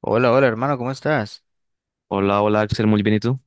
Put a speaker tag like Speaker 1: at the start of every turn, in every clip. Speaker 1: Hola, hola hermano, ¿cómo estás?
Speaker 2: Hola, hola Axel, muy bien, ¿y tú?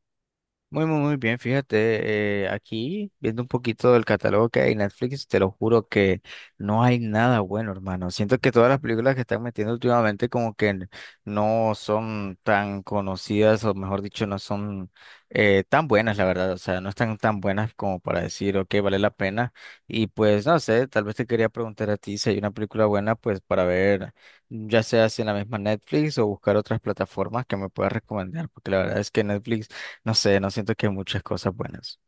Speaker 1: Muy bien, fíjate, aquí viendo un poquito del catálogo que hay en Netflix, te lo juro que no hay nada bueno, hermano. Siento que todas las películas que están metiendo últimamente como que no son tan conocidas o mejor dicho, no son tan buenas, la verdad. O sea, no están tan buenas como para decir, ok, vale la pena. Y pues, no sé, tal vez te quería preguntar a ti si hay una película buena, pues para ver, ya sea si en la misma Netflix o buscar otras plataformas que me puedas recomendar, porque la verdad es que Netflix... No sé, no siento que muchas cosas buenas.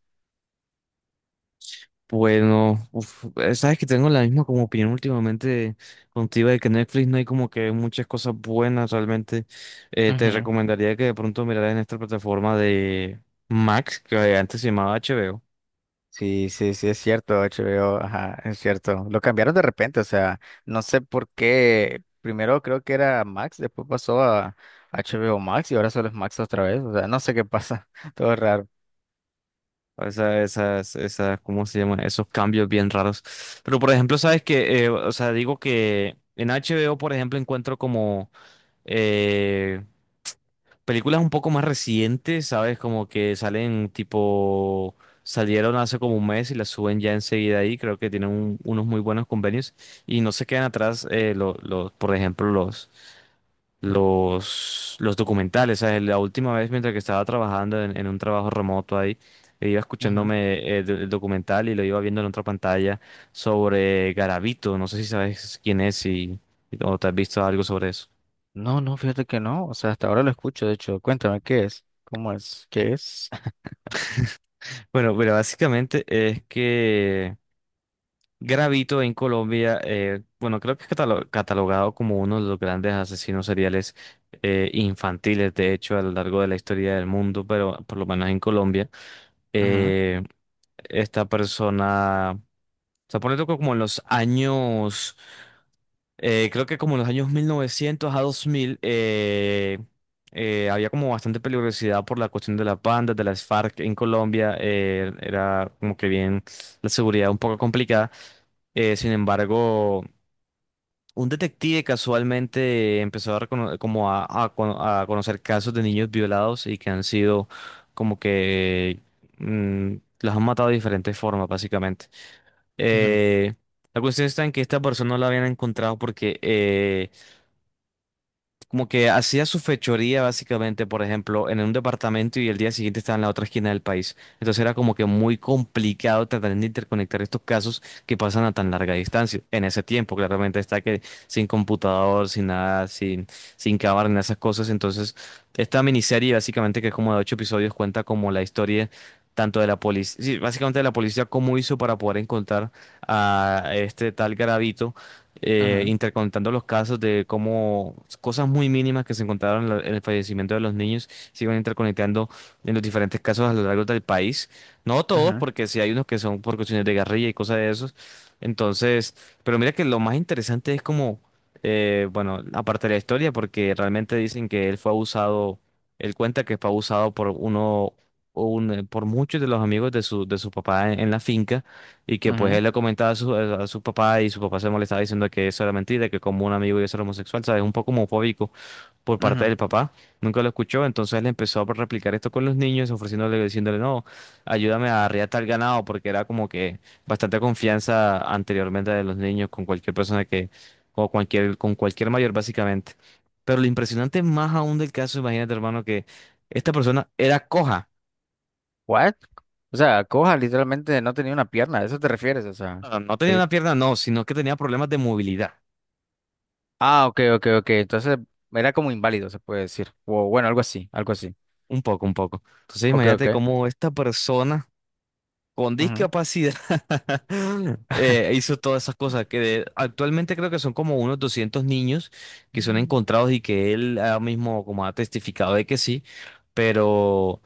Speaker 2: Bueno, sabes que tengo la misma como opinión últimamente contigo de que Netflix no hay como que muchas cosas buenas realmente. Te
Speaker 1: Ujú.
Speaker 2: recomendaría que de pronto miraras en esta plataforma de Max, que antes se llamaba HBO.
Speaker 1: Sí, sí, sí, es cierto, HBO, ajá, es cierto. Lo cambiaron de repente, o sea, no sé por qué. Primero creo que era Max, después pasó a HBO Max y ahora solo es Max otra vez. O sea, no sé qué pasa, todo es raro.
Speaker 2: Esas, ¿cómo se llama? Esos cambios bien raros. Pero por ejemplo, sabes que, o sea, digo que en HBO, por ejemplo, encuentro como Eh, películas un poco más recientes, ¿sabes? Como que salen tipo, Salieron hace como un mes y las suben ya enseguida ahí. Creo que tienen unos muy buenos convenios y no se quedan atrás, los, por ejemplo, los documentales. ¿Sabes? La última vez mientras que estaba trabajando en un trabajo remoto ahí, iba
Speaker 1: Ujú.
Speaker 2: escuchándome el documental y lo iba viendo en otra pantalla sobre Garavito. No sé si sabes quién es, y o te has visto algo sobre eso.
Speaker 1: No, no, fíjate que no, o sea, hasta ahora lo escucho, de hecho, cuéntame qué es, cómo es, qué es.
Speaker 2: Bueno, pero básicamente es que Gravito en Colombia, bueno, creo que es catalogado como uno de los grandes asesinos seriales infantiles, de hecho, a lo largo de la historia del mundo, pero por lo menos en Colombia,
Speaker 1: Ujú,
Speaker 2: eh, esta persona se pone como en los años, creo que como en los años 1900 a 2000. Había como bastante peligrosidad por la cuestión de las bandas, de las FARC en Colombia. Era como que bien la seguridad un poco complicada. Sin embargo, un detective casualmente empezó a, recono- como a cono- a conocer casos de niños violados y que han sido como que mm, los han matado de diferentes formas, básicamente.
Speaker 1: ujú,
Speaker 2: Eh, la cuestión está en que esta persona no la habían encontrado porque como que hacía su fechoría básicamente, por ejemplo, en un departamento y el día siguiente estaba en la otra esquina del país. Entonces era como que muy complicado tratar de interconectar estos casos que pasan a tan larga distancia. En ese tiempo, claramente está que sin computador, sin nada, sin cámara, ni esas cosas. Entonces, esta miniserie básicamente que es como de 8 episodios cuenta como la historia tanto de la policía, sí, básicamente de la policía cómo hizo para poder encontrar a este tal Garavito,
Speaker 1: ujú,
Speaker 2: intercontando los casos de cómo cosas muy mínimas que se encontraron en en el fallecimiento de los niños se iban interconectando en los diferentes casos a lo largo del país. No todos, porque sí hay unos que son por cuestiones de guerrilla y cosas de esos. Entonces, pero mira que lo más interesante es como, bueno, aparte de la historia, porque realmente dicen que él fue abusado, él cuenta que fue abusado por uno, por muchos de los amigos de su papá en la finca. Y
Speaker 1: ujú,
Speaker 2: que pues él
Speaker 1: ujú,
Speaker 2: le comentaba a su papá y su papá se molestaba diciendo que eso era mentira, que como un amigo iba a ser homosexual, ¿sabes? Un poco homofóbico por parte
Speaker 1: ujú.
Speaker 2: del papá. Nunca lo escuchó, entonces él empezó a replicar esto con los niños, ofreciéndole, diciéndole, no, ayúdame a arriar tal ganado, porque era como que bastante confianza anteriormente de los niños con cualquier persona que, o cualquier, con cualquier mayor básicamente. Pero lo impresionante más aún del caso, imagínate, hermano, que esta persona era coja.
Speaker 1: What? O sea, Coja literalmente no tenía una pierna, ¿a eso te refieres? O sea.
Speaker 2: No, no tenía una pierna, no, sino que tenía problemas de movilidad.
Speaker 1: Ah, ok, ok, ok. Entonces era como inválido, se puede decir. O bueno, algo así, algo así.
Speaker 2: Un poco, un poco. Entonces
Speaker 1: Ok, ok.
Speaker 2: imagínate cómo esta persona con
Speaker 1: Ujú.
Speaker 2: discapacidad hizo todas esas cosas que actualmente creo que son como unos 200 niños que son encontrados y que él ahora mismo como ha testificado de que sí, pero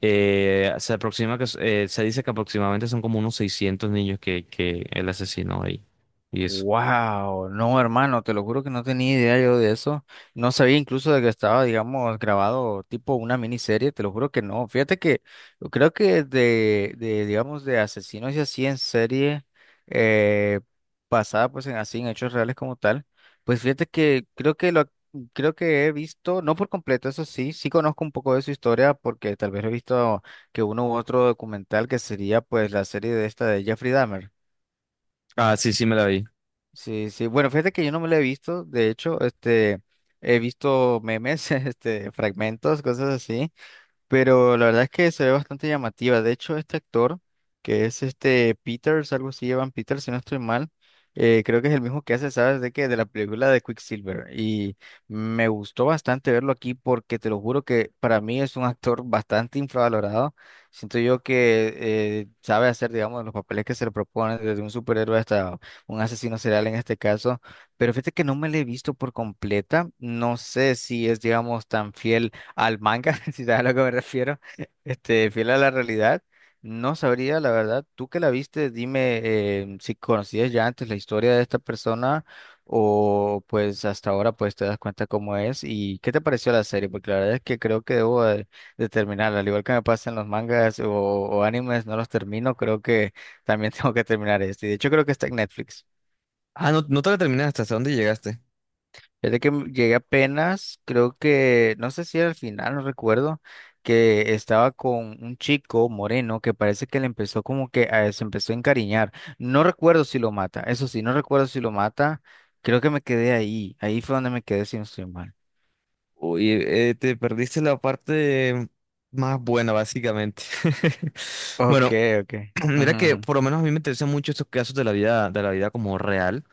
Speaker 2: se dice que aproximadamente son como unos 600 niños que él asesinó ahí. Y eso.
Speaker 1: Wow, no, hermano, te lo juro que no tenía idea yo de eso. No sabía incluso de que estaba, digamos, grabado tipo una miniserie, te lo juro que no. Fíjate que yo creo que de digamos, de asesinos y así en serie eh, basada pues en así en hechos reales como tal, pues fíjate que creo que he visto, no por completo, eso sí, sí conozco un poco de su historia porque tal vez he visto que uno u otro documental que sería pues la serie de esta de Jeffrey Dahmer.
Speaker 2: Ah, sí, sí me la vi.
Speaker 1: Sí, sí. Bueno, fíjate que yo no me la he visto. De hecho, este, he visto memes, este, fragmentos, cosas así. Pero la verdad es que se ve bastante llamativa. De hecho, este actor, que es este Peters, algo así, Evan Peters, si no estoy mal, creo que es el mismo que hace, ¿sabes? De que de la película de Quicksilver. Y me gustó bastante verlo aquí porque te lo juro que para mí es un actor bastante infravalorado. Siento yo que sabe hacer, digamos, los papeles que se le proponen, desde un superhéroe hasta un asesino serial en este caso. Pero fíjate que no me lo he visto por completa. No sé si es, digamos, tan fiel al manga, si sabes a lo que me refiero, este, fiel a la realidad. No sabría, la verdad, tú que la viste, dime si conocías ya antes la historia de esta persona o pues hasta ahora pues te das cuenta cómo es y qué te pareció la serie, porque la verdad es que creo que debo de terminarla, al igual que me pasa en los mangas o animes, no los termino, creo que también tengo que terminar este, y de hecho creo que está en Netflix.
Speaker 2: Ah, no, no te la terminaste, ¿hasta dónde llegaste?
Speaker 1: Fíjate que llegué apenas, creo que, no sé si era al final, no recuerdo, que estaba con un chico moreno que parece que le empezó como que a, se empezó a encariñar. No recuerdo si lo mata, eso sí, no recuerdo si lo mata. Creo que me quedé ahí, ahí fue donde me quedé si no estoy mal.
Speaker 2: Oye, te perdiste la parte más buena, básicamente.
Speaker 1: Ok,
Speaker 2: Bueno,
Speaker 1: ok.
Speaker 2: mira que
Speaker 1: Ujú,
Speaker 2: por lo menos a mí me interesan mucho estos casos de la vida como real.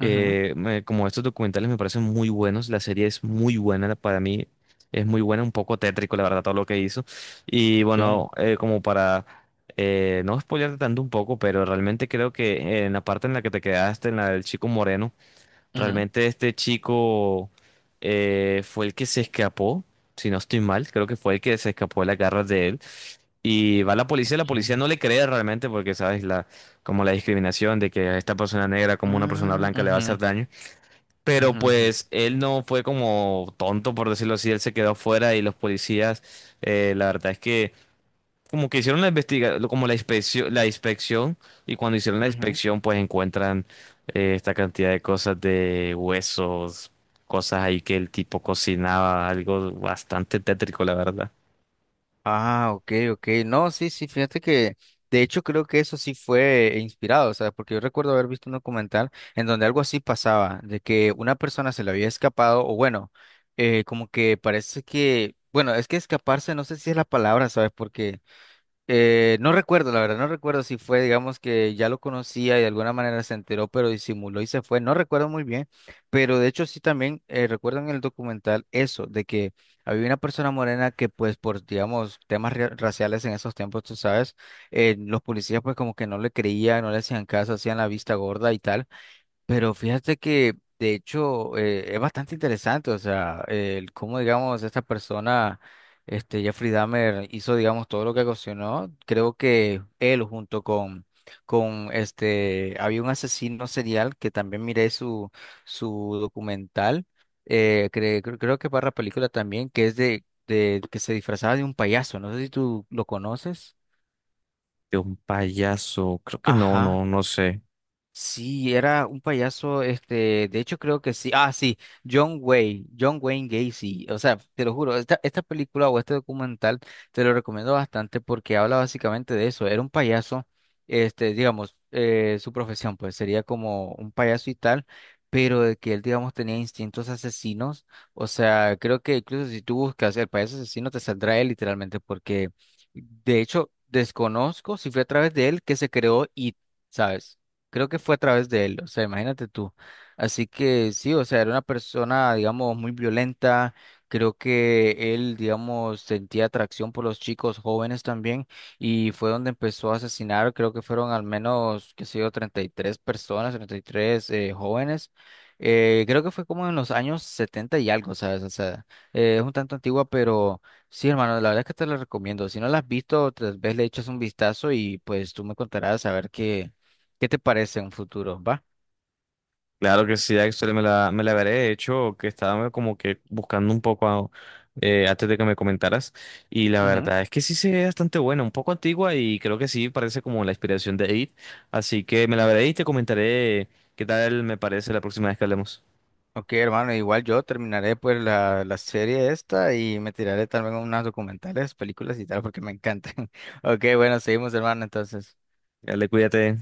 Speaker 1: ujú, ujú,
Speaker 2: me- Como estos documentales me parecen muy buenos. La serie es muy buena para mí. Es muy buena, un poco tétrico, la verdad, todo lo que hizo. Y
Speaker 1: ok,
Speaker 2: bueno, como para no spoilearte tanto un poco, pero realmente creo que en la parte en la que te quedaste, en la del chico moreno.
Speaker 1: ujú,
Speaker 2: Realmente este chico fue el que se escapó, si no estoy mal, creo que fue el que se escapó de las garras de él. Y va la
Speaker 1: ok.
Speaker 2: policía no le cree realmente porque, sabes, la, como la discriminación de que a esta persona negra como una persona
Speaker 1: Mm,
Speaker 2: blanca le va a
Speaker 1: ujú,
Speaker 2: hacer daño. Pero
Speaker 1: ujú,
Speaker 2: pues él no fue como tonto, por decirlo así, él se quedó fuera y los policías, la verdad es que como que hicieron la inspección, y cuando hicieron la
Speaker 1: ujú, ujú.
Speaker 2: inspección, pues encuentran esta cantidad de cosas de huesos, cosas ahí que el tipo cocinaba, algo bastante tétrico, la verdad.
Speaker 1: Ah, ok, ok. No, sí, sí, fíjate que de hecho creo que eso sí fue inspirado, o sea, porque yo recuerdo haber visto un documental en donde algo así pasaba, de que una persona se le había escapado, o bueno, como que parece que, bueno, es que escaparse no sé si es la palabra, ¿sabes? Porque no recuerdo, la verdad, no recuerdo si fue, digamos que ya lo conocía y de alguna manera se enteró, pero disimuló y se fue. No recuerdo muy bien, pero de hecho sí también recuerdo en el documental eso, de que había una persona morena que pues por, digamos, temas raciales en esos tiempos, tú sabes, los policías pues como que no le creían, no le hacían caso, hacían la vista gorda y tal. Pero fíjate que de hecho es bastante interesante, o sea, el cómo digamos esta persona, este Jeffrey Dahmer hizo digamos todo lo que ocasionó. Creo que él junto con este había un asesino serial que también miré su su documental, creo que para la película también que es de que se disfrazaba de un payaso. No sé si tú lo conoces.
Speaker 2: De un payaso, creo que no,
Speaker 1: Ajá.
Speaker 2: no, no sé.
Speaker 1: Sí, era un payaso, este, de hecho creo que sí, ah, sí, John Wayne, John Wayne Gacy, o sea, te lo juro, esta película o este documental te lo recomiendo bastante porque habla básicamente de eso, era un payaso, este, digamos, su profesión, pues sería como un payaso y tal, pero de que él, digamos, tenía instintos asesinos, o sea, creo que incluso si tú buscas el payaso asesino te saldrá él literalmente porque, de hecho, desconozco si fue a través de él que se creó y, ¿sabes? Creo que fue a través de él, o sea, imagínate tú. Así que sí, o sea, era una persona, digamos, muy violenta. Creo que él, digamos, sentía atracción por los chicos jóvenes también y fue donde empezó a asesinar. Creo que fueron al menos, qué sé yo, 33 personas, 33 jóvenes. Creo que fue como en los años 70 y algo, ¿sabes? O sea, es un tanto antigua, pero sí, hermano, la verdad es que te la recomiendo. Si no la has visto, tal vez le echas un vistazo y pues tú me contarás a ver qué ¿Qué te parece un futuro? ¿Va?
Speaker 2: Claro que sí, Axel, me la veré. De hecho, que estaba como que buscando un poco antes de que me comentaras. Y la
Speaker 1: Ujú.
Speaker 2: verdad es que sí se ve bastante buena, un poco antigua y creo que sí parece como la inspiración de It. Así que me la veré y te comentaré qué tal me parece la próxima vez que hablemos.
Speaker 1: Ok, hermano, igual yo terminaré pues la serie esta y me tiraré también unas documentales, películas y tal, porque me encantan. Ok, bueno, seguimos, hermano, entonces.
Speaker 2: Dale, cuídate.